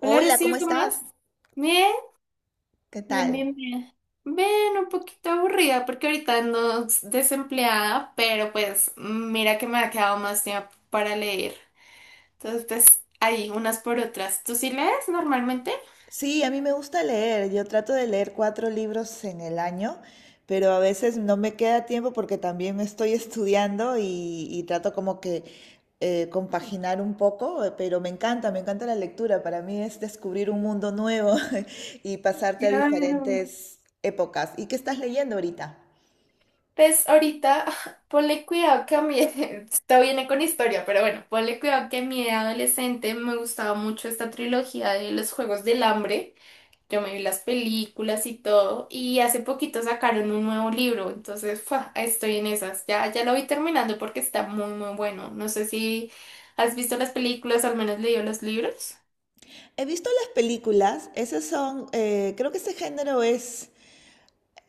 Hola, Rocío, ¿cómo ¿cómo vas? estás? Bien, ¿Qué bien, tal? bien, bien. Bien, un poquito aburrida porque ahorita ando desempleada, pero pues mira que me ha quedado más tiempo para leer. Entonces, pues ahí, unas por otras. ¿Tú sí lees normalmente? Sí, a mí me gusta leer. Yo trato de leer cuatro libros en el año, pero a veces no me queda tiempo porque también estoy estudiando y trato como que compaginar un poco, pero me encanta la lectura. Para mí es descubrir un mundo nuevo y pasarte a Claro. diferentes épocas. ¿Y qué estás leyendo ahorita? Pues ahorita, ponle cuidado que a mí, esto viene con historia, pero bueno, ponle cuidado que a mí de adolescente me gustaba mucho esta trilogía de los Juegos del Hambre. Yo me vi las películas y todo, y hace poquito sacaron un nuevo libro, entonces ¡fua! Estoy en esas. Ya, ya lo vi terminando porque está muy, muy bueno. No sé si has visto las películas, al menos leído los libros. He visto las películas, esas son, creo que ese género es...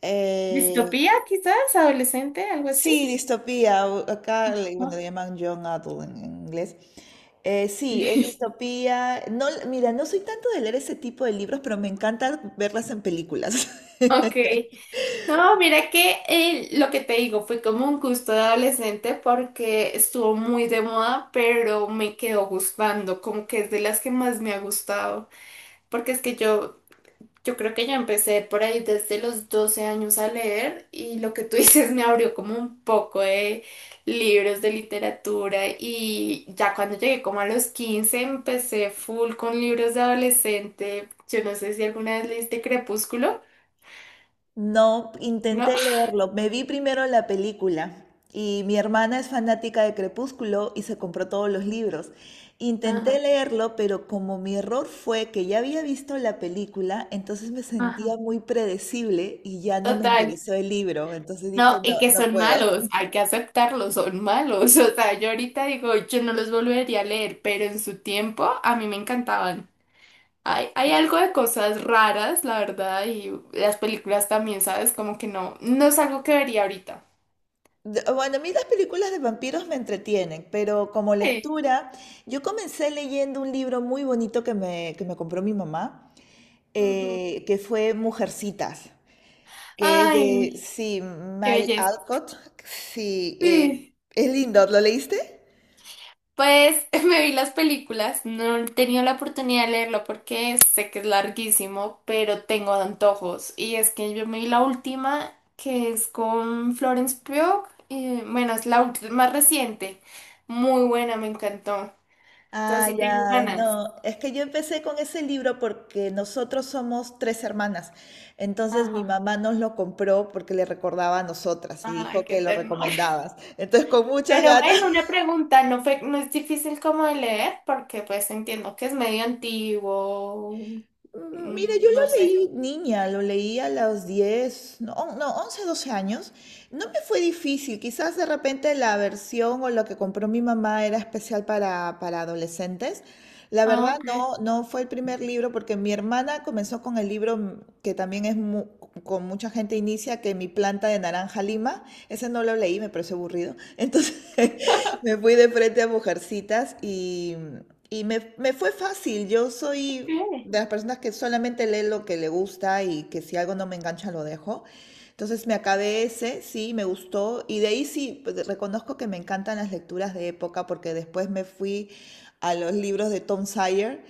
eh, ¿Distopía, quizás? ¿Adolescente? ¿Algo así? Sí, distopía, acá le, bueno, Ah, le llaman young adult en inglés. Sí, es sí. distopía. No, mira, no soy tanto de leer ese tipo de libros, pero me encanta verlas en películas. Ok, no, mira que lo que te digo fue como un gusto de adolescente porque estuvo muy de moda, pero me quedó gustando, como que es de las que más me ha gustado, porque es que yo creo que ya empecé por ahí desde los 12 años a leer y lo que tú dices me abrió como un poco de libros de literatura y ya cuando llegué como a los 15 empecé full con libros de adolescente. Yo no sé si alguna vez leíste Crepúsculo, No, ¿no? intenté leerlo. Me vi primero la película y mi hermana es fanática de Crepúsculo y se compró todos los libros. Intenté Ajá, leerlo, pero como mi error fue que ya había visto la película, entonces me sentía ajá. muy predecible y ya no me Total. interesó el libro. Entonces dije, No, no, y que no son puedo. malos, hay que aceptarlos, son malos. O sea, yo ahorita digo, yo no los volvería a leer, pero en su tiempo a mí me encantaban. Hay Sí. algo de cosas raras, la verdad, y las películas también, ¿sabes? Como que no, no es algo que vería ahorita. Bueno, a mí las películas de vampiros me entretienen, pero como Sí. lectura, yo comencé leyendo un libro muy bonito que me compró mi mamá, Ujú. Que fue Mujercitas, que es de, Ay, sí, qué May belleza. Alcott. Sí, Sí. es lindo, ¿lo leíste? Pues me vi las películas, no he tenido la oportunidad de leerlo porque sé que es larguísimo, pero tengo antojos. Y es que yo me vi la última, que es con Florence Pugh, y, bueno, es más reciente. Muy buena, me encantó. Entonces Ah, sí tengo ya, ganas. no, es que yo empecé con ese libro porque nosotros somos tres hermanas, entonces mi Ajá. mamá nos lo compró porque le recordaba a nosotras y dijo Ay, que qué lo ternura. recomendabas, entonces con muchas Pero ven, ganas. una pregunta, no fue, no es difícil como de leer, porque pues entiendo que es medio antiguo, Mira, yo mm, no lo sé. leí niña, lo leí a los 10, no, no, 11, 12 años. No me fue difícil, quizás de repente la versión o lo que compró mi mamá era especial para adolescentes. La Ah, verdad no, no fue el primer libro porque mi hermana comenzó con el libro que también es con mucha gente inicia, que Mi planta de naranja lima. Ese no lo leí, me pareció aburrido. Entonces me fui de frente a Mujercitas, y me fue fácil. Yo soy Ok. de las personas que solamente lee lo que le gusta y que si algo no me engancha lo dejo. Entonces me acabé ese, sí, me gustó. Y de ahí sí, pues, reconozco que me encantan las lecturas de época porque después me fui a los libros de Tom Sawyer,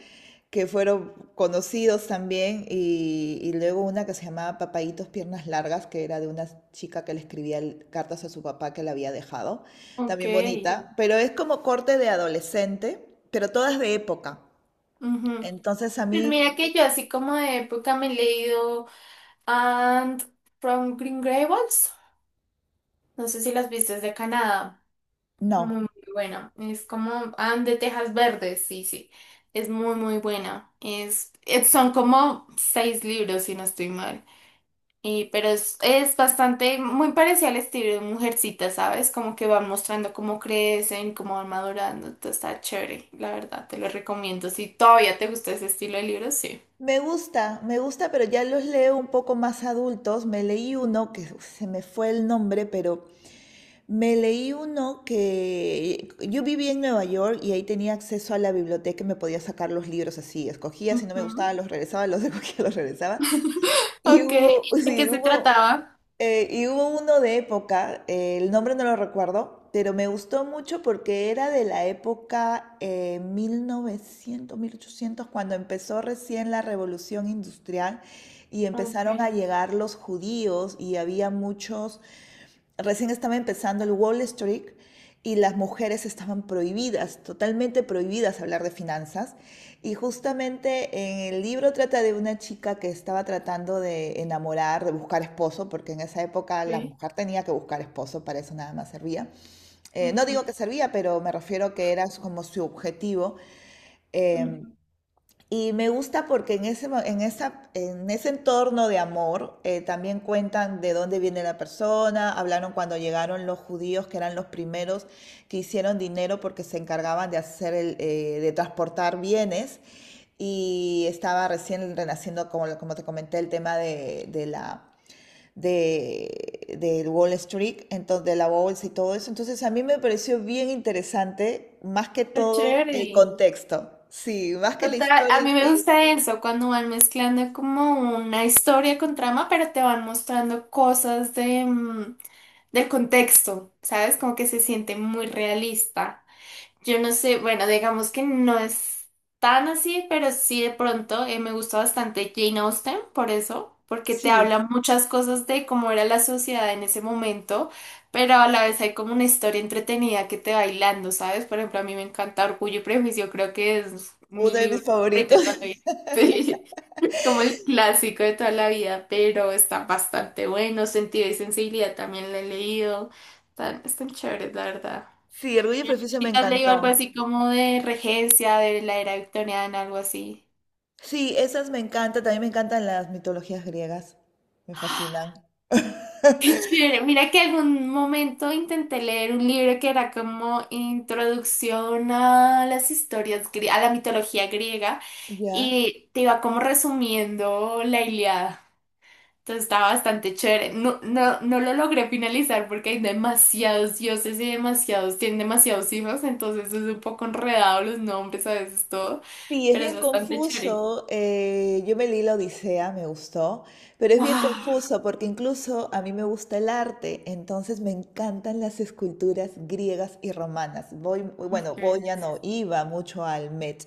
que fueron conocidos también. Y luego una que se llamaba Papayitos Piernas Largas, que era de una chica que le escribía cartas a su papá que la había dejado, Ok. también bonita, pero es como corte de adolescente, pero todas de época. Ujú. Entonces a Pues mí mira que yo así como de época me he leído And from Green Gables, no sé si las viste, es de Canadá, muy, no. muy buena, es como And de Tejas Verdes, sí, sí, es muy, muy buena, son como seis libros si no estoy mal. Y, pero es bastante, muy parecido al estilo de Mujercita, ¿sabes? Como que van mostrando cómo crecen, cómo van madurando. Entonces está chévere, la verdad, te lo recomiendo. Si todavía te gusta ese estilo de libros, sí. Me gusta, pero ya los leo un poco más adultos. Me leí uno que uf, se me fue el nombre, pero me leí uno que yo vivía en Nueva York y ahí tenía acceso a la biblioteca y me podía sacar los libros así. Escogía, si no me Ujú. gustaba, los regresaba, los escogía, los regresaba. Y Ok, hubo, ¿de sí, qué se hubo, trataba? Y hubo uno de época, el nombre no lo recuerdo, pero me gustó mucho porque era de la época 1900, mil ochocientos, cuando empezó recién la revolución industrial y Ok, empezaron a llegar los judíos y había muchos, recién estaba empezando el Wall Street y las mujeres estaban prohibidas, totalmente prohibidas hablar de finanzas. Y justamente en el libro trata de una chica que estaba tratando de enamorar, de buscar esposo, porque en esa época la ok. mujer tenía que buscar esposo, para eso nada más servía. No Ujú, digo que servía, pero me refiero que era como su objetivo. eh, ujú. y me gusta porque en ese entorno de amor también cuentan de dónde viene la persona, hablaron cuando llegaron los judíos, que eran los primeros que hicieron dinero porque se encargaban de hacer de transportar bienes. Y estaba recién renaciendo, como te comenté, el tema de Wall Street, entonces, de la bolsa y todo eso. Entonces a mí me pareció bien interesante, más que Está todo el chévere. contexto. Sí, más que la Total, a historia en mí me sí. gusta eso, cuando van mezclando como una historia con trama, pero te van mostrando cosas de... mm, del contexto, ¿sabes? Como que se siente muy realista. Yo no sé, bueno, digamos que no es tan así, pero sí de pronto me gusta bastante Jane Austen por eso, porque te Sí, habla muchas cosas de cómo era la sociedad en ese momento, pero a la vez hay como una historia entretenida que te va hilando, ¿sabes? Por ejemplo, a mí me encanta Orgullo y Prejuicio, creo que es uno mi de mis libro favorito favoritos. también. Sí, como el clásico de toda la vida, pero está bastante bueno. Sentido y sensibilidad también lo he leído. Están chéveres, la verdad. Sí, Orgullo y Prejuicio me ¿Y te has leído algo encantó. así como de regencia, de la era victoriana, algo así? Sí, esas me encantan, también me encantan las mitologías griegas, me fascinan. Qué chévere. Mira que algún momento intenté leer un libro que era como introducción a las historias, a la mitología griega, Ya. y te iba como resumiendo la Ilíada. Entonces está bastante chévere. No, no, no lo logré finalizar porque hay demasiados dioses y demasiados, tienen demasiados hijos, entonces es un poco enredado los nombres a veces todo, Sí, es pero es bien bastante chévere. confuso. Yo me leí la Odisea, me gustó, pero es bien ¡Wow! confuso porque incluso a mí me gusta el arte, entonces me encantan las esculturas griegas y romanas. Voy, bueno, ¡Qué voy ya belleza! no, iba mucho al Met,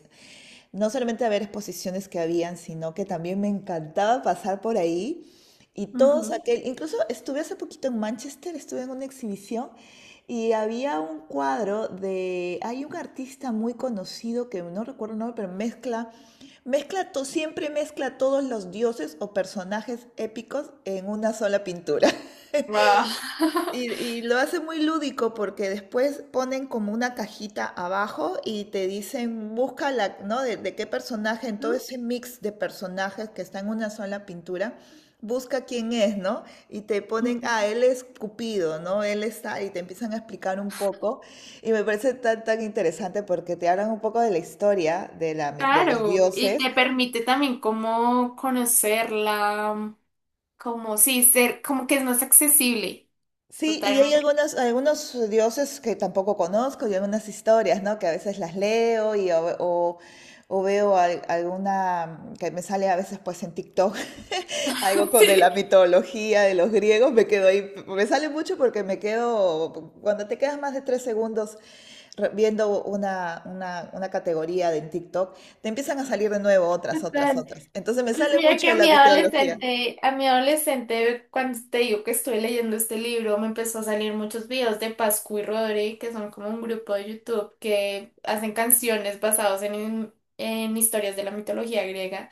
no solamente a ver exposiciones que habían, sino que también me encantaba pasar por ahí y todos aquel, incluso estuve hace poquito en Manchester, estuve en una exhibición y había un cuadro de, hay un artista muy conocido que no recuerdo el nombre, pero siempre mezcla todos los dioses o personajes épicos en una sola pintura. ¡Wow! Y lo hace muy lúdico porque después ponen como una cajita abajo y te dicen, busca la, ¿no? De qué personaje, en todo ese mix de personajes que está en una sola pintura, busca quién es, ¿no? Y te ponen, ah, él es Cupido, ¿no? Él está, y te empiezan a explicar un poco. Y me parece tan, tan interesante porque te hablan un poco de la historia de los Claro, y dioses. te permite también como conocerla, como sí, ser, como que es más accesible. Sí, y hay Totalmente. algunos dioses que tampoco conozco y algunas historias, ¿no? Que a veces las leo y o veo alguna que me sale a veces pues en TikTok, algo con de la Sí, mitología de los griegos, me quedo ahí, me sale mucho porque me quedo, cuando te quedas más de tres segundos viendo una categoría de en TikTok, te empiezan a salir de nuevo otras, otras, total. otras. Entonces me Pues sale mira mucho que de a la mi mitología. adolescente, a mi adolescente, cuando te digo que estoy leyendo este libro, me empezó a salir muchos videos de Pascu y Rodri, que son como un grupo de YouTube que hacen canciones basadas en historias de la mitología griega.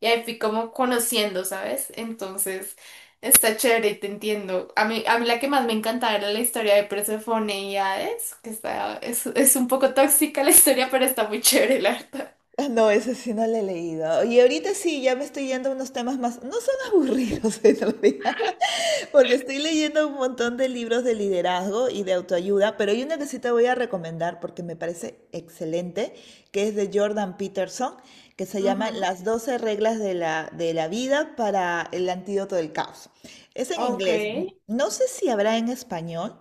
Y ahí fui como conociendo, ¿sabes? Entonces, está chévere y te entiendo. A mí la que más me encantaba era la historia de Persefone y Hades, que está, es un poco tóxica la historia, pero está muy chévere, la verdad. No, ese sí no lo he leído. Y ahorita sí, ya me estoy yendo a unos temas más, no son aburridos en realidad, porque estoy leyendo un montón de libros de liderazgo y de autoayuda, pero hay uno que sí te voy a recomendar porque me parece excelente, que es de Jordan Peterson, que se llama Ujú. Las doce reglas de la, vida para el antídoto del caos. Es en Ok. inglés. No sé si habrá en español,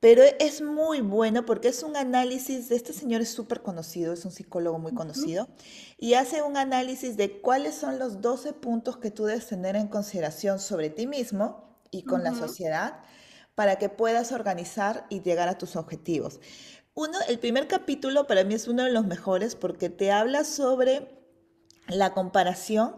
pero es muy bueno porque es un análisis de este señor, es súper conocido, es un psicólogo muy Ujú, conocido, y hace un análisis de cuáles son los 12 puntos que tú debes tener en consideración sobre ti mismo y con la ujú. sociedad para que puedas organizar y llegar a tus objetivos. Uno, el primer capítulo para mí es uno de los mejores porque te habla sobre la comparación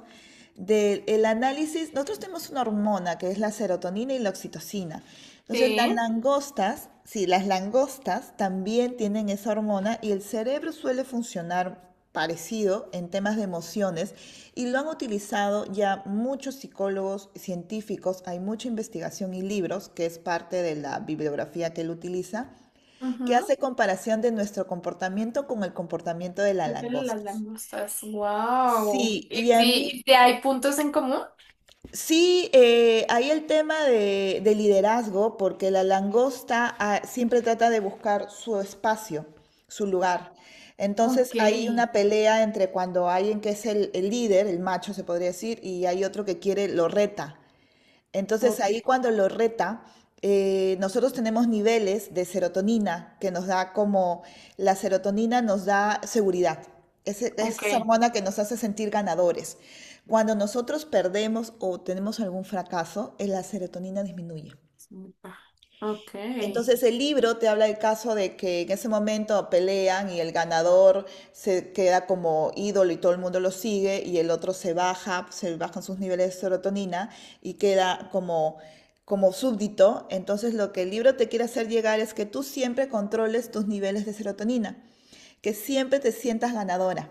del análisis. Nosotros tenemos una hormona que es la serotonina y la oxitocina. Entonces, las Sí, langostas, sí, las langostas también tienen esa hormona y el cerebro suele funcionar parecido en temas de emociones y lo han utilizado ya muchos psicólogos científicos, hay mucha investigación y libros, que es parte de la bibliografía que él utiliza, que ajá, hace comparación de nuestro comportamiento con el comportamiento de las meterle las langostas. langostas, wow. Sí, y a mí Y si hay puntos en común? sí, hay el tema de liderazgo, porque la langosta siempre trata de buscar su espacio, su lugar. Entonces Ok, hay una pelea entre cuando alguien que es el líder, el macho se podría decir, y hay otro que quiere, lo reta. Entonces ok, ahí cuando lo reta, nosotros tenemos niveles de serotonina que nos da como, la serotonina nos da seguridad. Es ok. esa hormona que nos hace sentir ganadores. Cuando nosotros perdemos o tenemos algún fracaso, la serotonina disminuye. Súper, Ok, ok. Entonces el libro te habla del caso de que en ese momento pelean y el ganador se queda como ídolo y todo el mundo lo sigue y el otro se baja, se bajan sus niveles de serotonina y queda como súbdito. Entonces lo que el libro te quiere hacer llegar es que tú siempre controles tus niveles de serotonina, que siempre te sientas ganadora,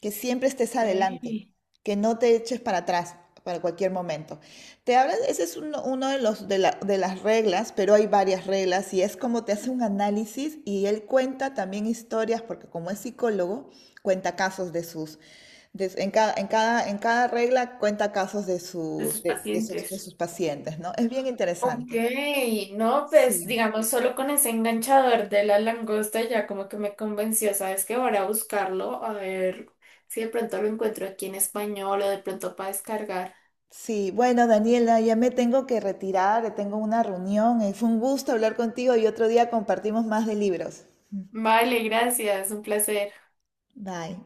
que siempre estés adelante, De que no te eches para atrás para cualquier momento. Te hablas, ese es uno, uno de, los, de, la- de las reglas, pero hay varias reglas y es como te hace un análisis y él cuenta también historias, porque como es psicólogo, cuenta casos de sus, en cada regla cuenta casos de sus, sus de, de sus, de pacientes. sus pacientes, ¿no? Es bien Ok, interesante. no, pues Sí. digamos, solo con ese enganchador de la langosta ya como que me convenció, ¿sabes qué? Voy a buscarlo, a ver si de pronto lo encuentro aquí en español o de pronto para descargar. Sí, bueno, Daniela, ya me tengo que retirar, tengo una reunión. Fue un gusto hablar contigo y otro día compartimos más de libros. Vale, gracias, un placer. Bye.